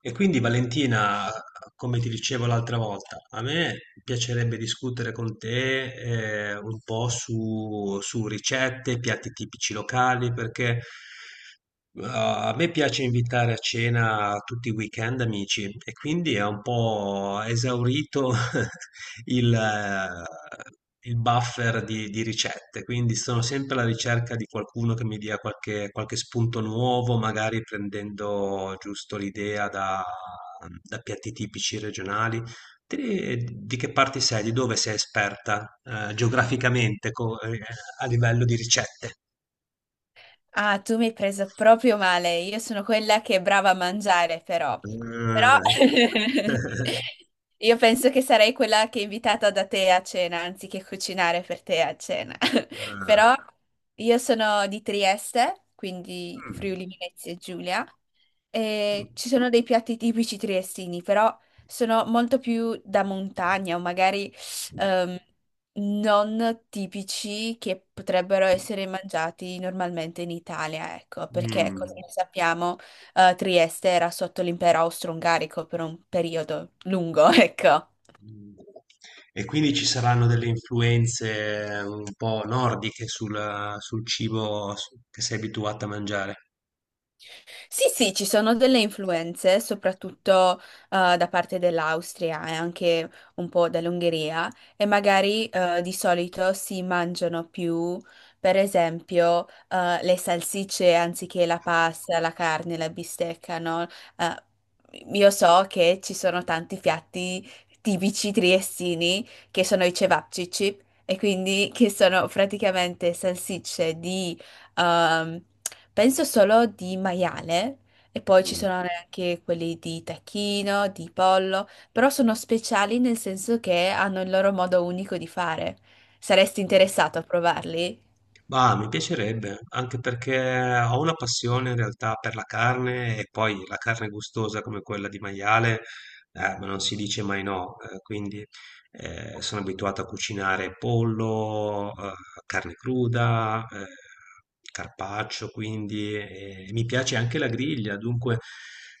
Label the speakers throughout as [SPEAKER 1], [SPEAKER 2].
[SPEAKER 1] E quindi Valentina, come ti dicevo l'altra volta, a me piacerebbe discutere con te un po' su ricette, piatti tipici locali, perché a me piace invitare a cena tutti i weekend amici e quindi è un po' esaurito il buffer di ricette, quindi sono sempre alla ricerca di qualcuno che mi dia qualche spunto nuovo, magari prendendo giusto l'idea da piatti tipici regionali. Di che parte sei? Di dove sei esperta, geograficamente, a livello di ricette?
[SPEAKER 2] Ah, tu mi hai preso proprio male. Io sono quella che è brava a mangiare, però. Però
[SPEAKER 1] Ah.
[SPEAKER 2] io penso che sarei quella che è invitata da te a cena, anziché cucinare per te a cena. Però
[SPEAKER 1] Eh,
[SPEAKER 2] io sono di Trieste, quindi
[SPEAKER 1] mm,
[SPEAKER 2] Friuli Venezia Giulia, e ci sono dei piatti tipici triestini, però sono molto più da montagna o magari ehm, non tipici che potrebbero essere mangiati normalmente in Italia, ecco, perché
[SPEAKER 1] mm.
[SPEAKER 2] come sappiamo, Trieste era sotto l'impero austro-ungarico per un periodo lungo, ecco.
[SPEAKER 1] E quindi ci saranno delle influenze un po' nordiche sul cibo che sei abituato a mangiare.
[SPEAKER 2] Sì, sì, ci sono delle influenze, soprattutto da parte dell'Austria e anche un po' dall'Ungheria, e magari di solito si mangiano più, per esempio, le salsicce anziché la pasta, la carne, la bistecca, no? Eh, io so che ci sono tanti piatti tipici triestini che sono i cevapcici, e quindi che sono praticamente salsicce di Ehm, penso solo di maiale e poi ci
[SPEAKER 1] Mm.
[SPEAKER 2] sono anche quelli di tacchino, di pollo, però sono speciali nel senso che hanno il loro modo unico di fare. Saresti interessato a provarli?
[SPEAKER 1] Ma mi piacerebbe, anche perché ho una passione in realtà per la carne e poi la carne gustosa come quella di maiale, ma non si dice mai no, quindi sono abituato a cucinare pollo, carne cruda, carpaccio, quindi e mi piace anche la griglia. Dunque,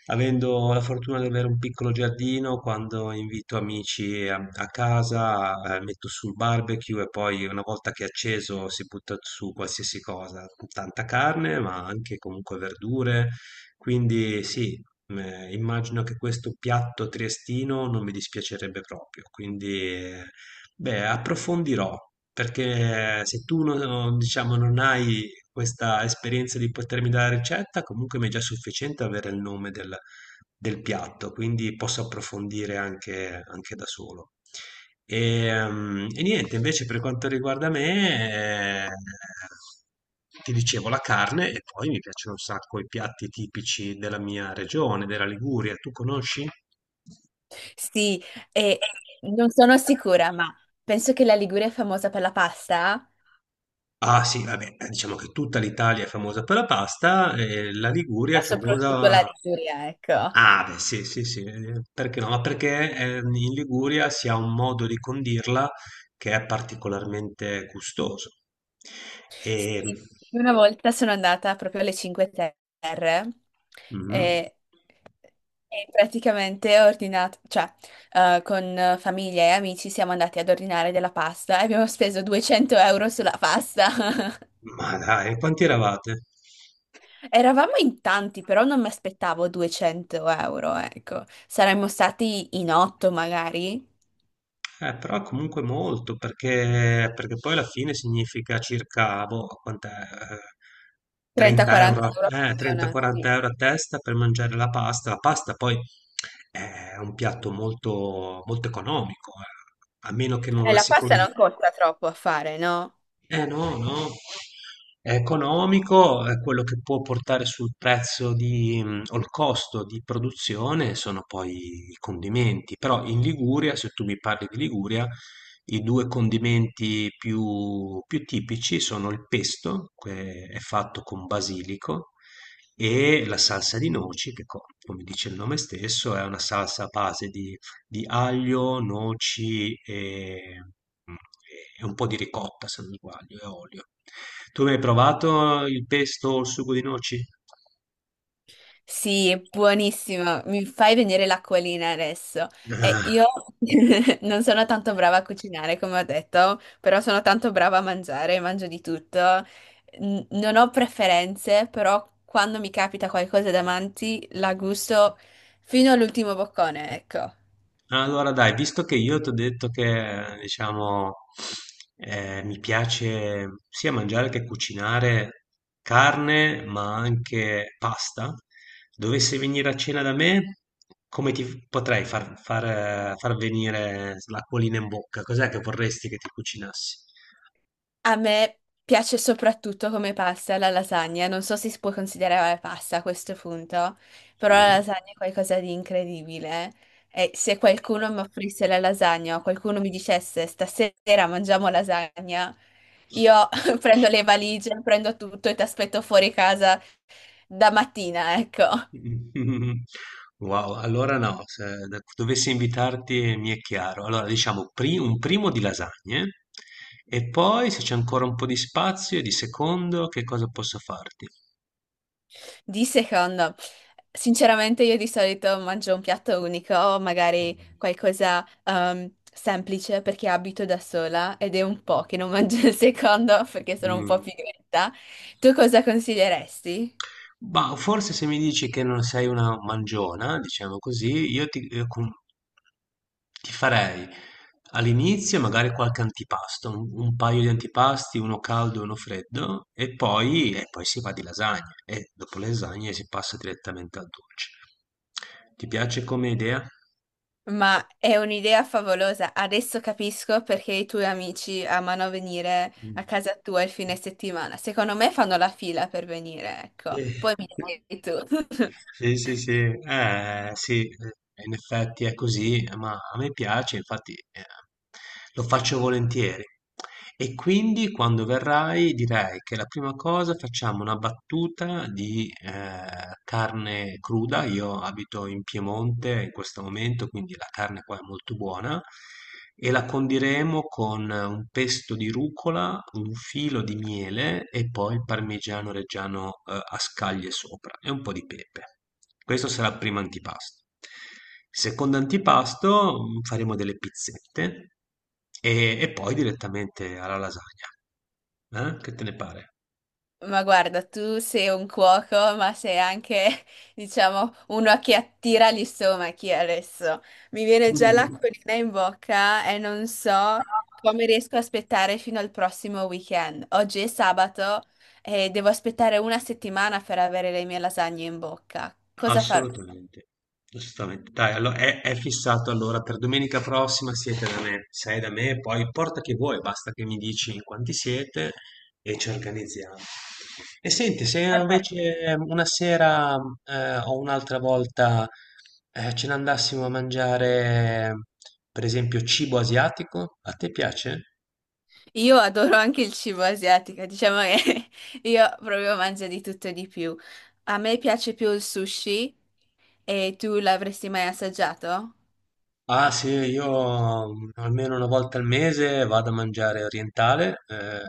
[SPEAKER 1] avendo la fortuna di avere un piccolo giardino, quando invito amici a casa, metto sul barbecue e poi una volta che è acceso si butta su qualsiasi cosa, tanta carne, ma anche comunque verdure. Quindi sì. Immagino che questo piatto triestino non mi dispiacerebbe proprio, quindi, beh, approfondirò, perché se tu non diciamo, non hai questa esperienza di potermi dare la ricetta, comunque mi è già sufficiente avere il nome del piatto, quindi posso approfondire anche da solo. E niente, invece per quanto riguarda me, ti dicevo la carne e poi mi piacciono un sacco i piatti tipici della mia regione, della Liguria. Tu conosci?
[SPEAKER 2] Sì, e non sono sicura, ma penso che la Liguria è famosa per la pasta,
[SPEAKER 1] Ah sì, vabbè, diciamo che tutta l'Italia è famosa per la pasta e la Liguria
[SPEAKER 2] ma
[SPEAKER 1] è
[SPEAKER 2] soprattutto la
[SPEAKER 1] famosa.
[SPEAKER 2] Liguria, ecco.
[SPEAKER 1] Ah, beh, sì, sì, sì, perché no? Ma perché in Liguria si ha un modo di condirla che è particolarmente gustoso. E.
[SPEAKER 2] Sì, una volta sono andata proprio alle Cinque Terre.
[SPEAKER 1] Mhm.
[SPEAKER 2] e E praticamente ho ordinato, cioè, con famiglia e amici siamo andati ad ordinare della pasta e abbiamo speso 200 euro sulla pasta.
[SPEAKER 1] Ma dai, quanti eravate?
[SPEAKER 2] Eravamo in tanti, però non mi aspettavo 200 euro, ecco. Saremmo stati in 8 magari,
[SPEAKER 1] Però comunque molto, perché poi alla fine significa circa, boh, quant'è, 30
[SPEAKER 2] 30-40
[SPEAKER 1] euro,
[SPEAKER 2] euro a persona. Sì.
[SPEAKER 1] 30-40 euro a testa per mangiare la pasta. La pasta poi è un piatto molto, molto economico, a meno che non
[SPEAKER 2] E
[SPEAKER 1] la
[SPEAKER 2] la pasta
[SPEAKER 1] secondi,
[SPEAKER 2] non costa troppo a fare, no?
[SPEAKER 1] eh no, no. È economico, è quello che può portare sul prezzo di, o il costo di produzione sono poi i condimenti. Però in Liguria, se tu mi parli di Liguria, i due condimenti più tipici sono il pesto, che è fatto con basilico, e la salsa di noci, che come dice il nome stesso, è una salsa a base di aglio, noci mm, e un po' di ricotta, se non sbaglio, e olio. Tu mi hai provato il pesto o il sugo di noci?
[SPEAKER 2] Sì, è buonissimo, mi fai venire l'acquolina adesso. E io non sono tanto brava a cucinare, come ho detto, però sono tanto brava a mangiare, mangio di tutto. Non ho preferenze, però quando mi capita qualcosa davanti la gusto fino all'ultimo boccone, ecco.
[SPEAKER 1] Ah, allora dai, visto che io ti ho detto che, diciamo, mi piace sia mangiare che cucinare carne, ma anche pasta, dovessi venire a cena da me, come ti potrei far venire l'acquolina in bocca? Cos'è che vorresti che ti cucinassi?
[SPEAKER 2] A me piace soprattutto come pasta la lasagna, non so se si può considerare pasta a questo punto, però
[SPEAKER 1] Sì.
[SPEAKER 2] la lasagna è qualcosa di incredibile. E se qualcuno mi offrisse la lasagna o qualcuno mi dicesse stasera mangiamo lasagna, io prendo le valigie, prendo tutto e ti aspetto fuori casa da mattina, ecco.
[SPEAKER 1] Wow, allora no, se dovessi invitarti mi è chiaro. Allora diciamo un primo di lasagne e poi se c'è ancora un po' di spazio, di secondo, che cosa posso farti?
[SPEAKER 2] Di secondo, sinceramente io di solito mangio un piatto unico o magari qualcosa semplice perché abito da sola ed è un po' che non mangio il secondo perché sono un po'
[SPEAKER 1] Mm.
[SPEAKER 2] pigretta. Tu cosa consiglieresti?
[SPEAKER 1] Ma forse se mi dici che non sei una mangiona, diciamo così, ti farei all'inizio magari qualche antipasto, un paio di antipasti, uno caldo e uno freddo, e poi si va di lasagne, e dopo le lasagne si passa direttamente al dolce. Ti piace come idea?
[SPEAKER 2] Ma è un'idea favolosa. Adesso capisco perché i tuoi amici amano venire
[SPEAKER 1] Mm.
[SPEAKER 2] a casa tua il fine settimana. Secondo me fanno la fila per venire, ecco.
[SPEAKER 1] Sì.
[SPEAKER 2] Poi mi dai tu.
[SPEAKER 1] Sì, sì, sì, sì, in effetti è così, ma a me piace, infatti lo faccio volentieri. E quindi quando verrai direi che la prima cosa facciamo una battuta di carne cruda, io abito in Piemonte in questo momento, quindi la carne qua è molto buona, e la condiremo con un pesto di rucola, un filo di miele e poi il parmigiano reggiano, a scaglie sopra e un po' di pepe. Questo sarà il primo antipasto. Secondo antipasto, faremo delle pizzette e poi direttamente alla lasagna. Che te ne pare?
[SPEAKER 2] Ma guarda, tu sei un cuoco, ma sei anche, diciamo, uno che attira gli stomachi adesso. Mi viene già
[SPEAKER 1] Mm.
[SPEAKER 2] l'acquolina in bocca e non so come riesco a aspettare fino al prossimo weekend. Oggi è sabato e devo aspettare una settimana per avere le mie lasagne in bocca. Cosa farò?
[SPEAKER 1] Assolutamente, assolutamente. Dai, allo è fissato allora per domenica prossima siete da me, sei da me, poi porta che vuoi, basta che mi dici in quanti siete e ci organizziamo. E senti, se invece una sera o un'altra volta ce ne andassimo a mangiare, per esempio, cibo asiatico, a te piace?
[SPEAKER 2] Io adoro anche il cibo asiatico, diciamo che io proprio mangio di tutto e di più. A me piace più il sushi e tu l'avresti mai assaggiato?
[SPEAKER 1] Ah sì, io almeno una volta al mese vado a mangiare orientale. eh,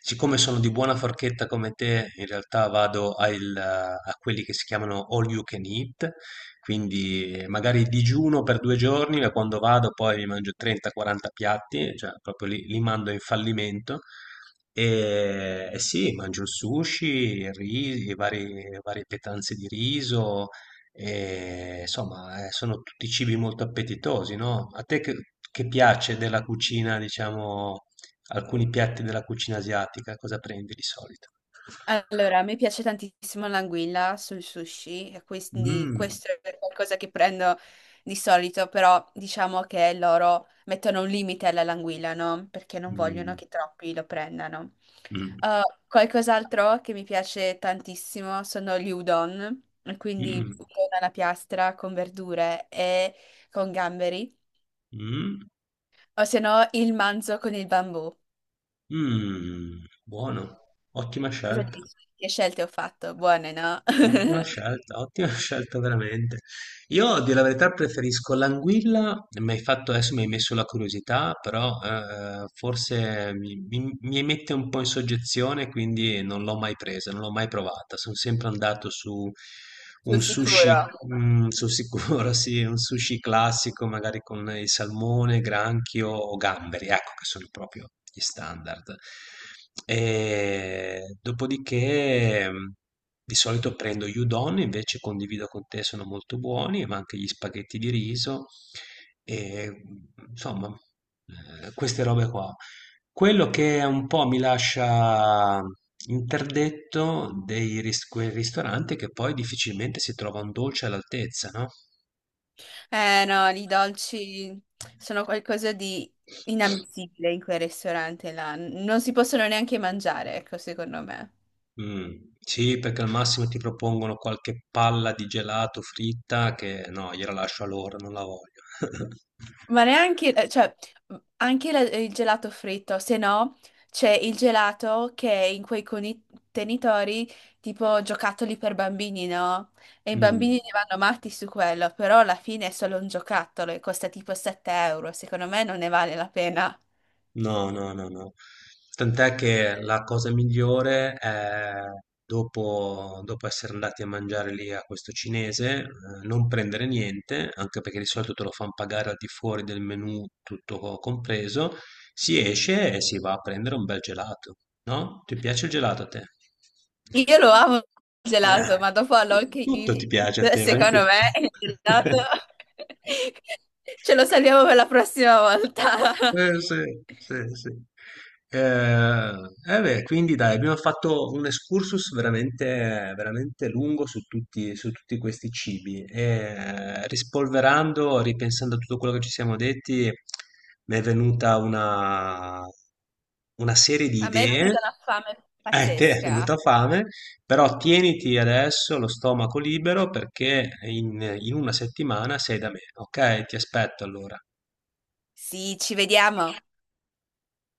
[SPEAKER 1] siccome sono di buona forchetta come te, in realtà vado a quelli che si chiamano all you can eat, quindi magari digiuno per 2 giorni, ma quando vado poi mi mangio 30-40 piatti, cioè proprio li mando in fallimento. E sì, mangio il sushi, varie pietanze di riso, e, insomma, sono tutti cibi molto appetitosi, no? A te che piace della cucina, diciamo, alcuni piatti della cucina asiatica, cosa prendi di solito?
[SPEAKER 2] Allora, a me piace tantissimo l'anguilla sul sushi, e quindi
[SPEAKER 1] Mm,
[SPEAKER 2] questo è qualcosa che prendo di solito, però diciamo che loro mettono un limite alla languilla, no? Perché non vogliono
[SPEAKER 1] mm,
[SPEAKER 2] che troppi lo prendano.
[SPEAKER 1] mm,
[SPEAKER 2] Uh, Qualcos'altro che mi piace tantissimo sono gli udon, e quindi
[SPEAKER 1] mm,
[SPEAKER 2] udon alla piastra con verdure e con gamberi,
[SPEAKER 1] mm,
[SPEAKER 2] o se no il manzo con il bambù.
[SPEAKER 1] mm, buono, ottima
[SPEAKER 2] Cosa
[SPEAKER 1] scelta.
[SPEAKER 2] dici? Che scelte ho fatto? Buone, no?
[SPEAKER 1] Ottima scelta, ottima scelta veramente. Io, a dire la verità, preferisco l'anguilla, adesso mi hai messo la curiosità, però forse mi mette un po' in soggezione, quindi non l'ho mai presa, non l'ho mai provata. Sono sempre andato su
[SPEAKER 2] Sul
[SPEAKER 1] un sushi,
[SPEAKER 2] sicuro.
[SPEAKER 1] sul sicuro, sì, un sushi classico, magari con il salmone, granchio o gamberi, ecco che sono proprio gli standard. E dopodiché. Di solito prendo gli udon, invece condivido con te, sono molto buoni, ma anche gli spaghetti di riso e insomma, queste robe qua. Quello che un po' mi lascia interdetto dei ris quei ristoranti è che poi difficilmente si trova un dolce all'altezza, no.
[SPEAKER 2] Eh no, i dolci sono qualcosa di inammissibile in quel ristorante là. Non si possono neanche mangiare, ecco, secondo me.
[SPEAKER 1] Sì, perché al massimo ti propongono qualche palla di gelato fritta che no, gliela lascio a loro, non la voglio.
[SPEAKER 2] Ma neanche, cioè, anche il gelato fritto, se no c'è il gelato che è in quei contenitori tipo giocattoli per bambini, no? E i
[SPEAKER 1] Mh.
[SPEAKER 2] bambini ne vanno matti su quello, però alla fine è solo un giocattolo e costa tipo 7 euro, secondo me non ne vale la pena.
[SPEAKER 1] No, no, no, no. Tant'è che la cosa migliore è dopo essere andati a mangiare lì a questo cinese, non prendere niente, anche perché di solito te lo fanno pagare al di fuori del menù tutto compreso, si esce e si va a prendere un bel gelato, no? Ti piace il gelato a te?
[SPEAKER 2] Io lo amo il
[SPEAKER 1] Eh,
[SPEAKER 2] gelato, ma dopo all'all
[SPEAKER 1] tu-
[SPEAKER 2] che you
[SPEAKER 1] tutto
[SPEAKER 2] can
[SPEAKER 1] ti piace a
[SPEAKER 2] eat,
[SPEAKER 1] te, vai in
[SPEAKER 2] secondo me
[SPEAKER 1] giro.
[SPEAKER 2] il gelato ce lo salviamo per la prossima volta.
[SPEAKER 1] Sì, sì, sì. Eh, beh, quindi dai, abbiamo fatto un excursus veramente, veramente lungo su tutti questi cibi. E, rispolverando, ripensando a tutto quello che ci siamo detti, mi è venuta una serie di
[SPEAKER 2] A me è
[SPEAKER 1] idee.
[SPEAKER 2] venuta una fame
[SPEAKER 1] A te è
[SPEAKER 2] pazzesca.
[SPEAKER 1] venuta fame, però tieniti adesso lo stomaco libero perché in una settimana sei da me, ok? Ti aspetto allora.
[SPEAKER 2] Sì, ci vediamo.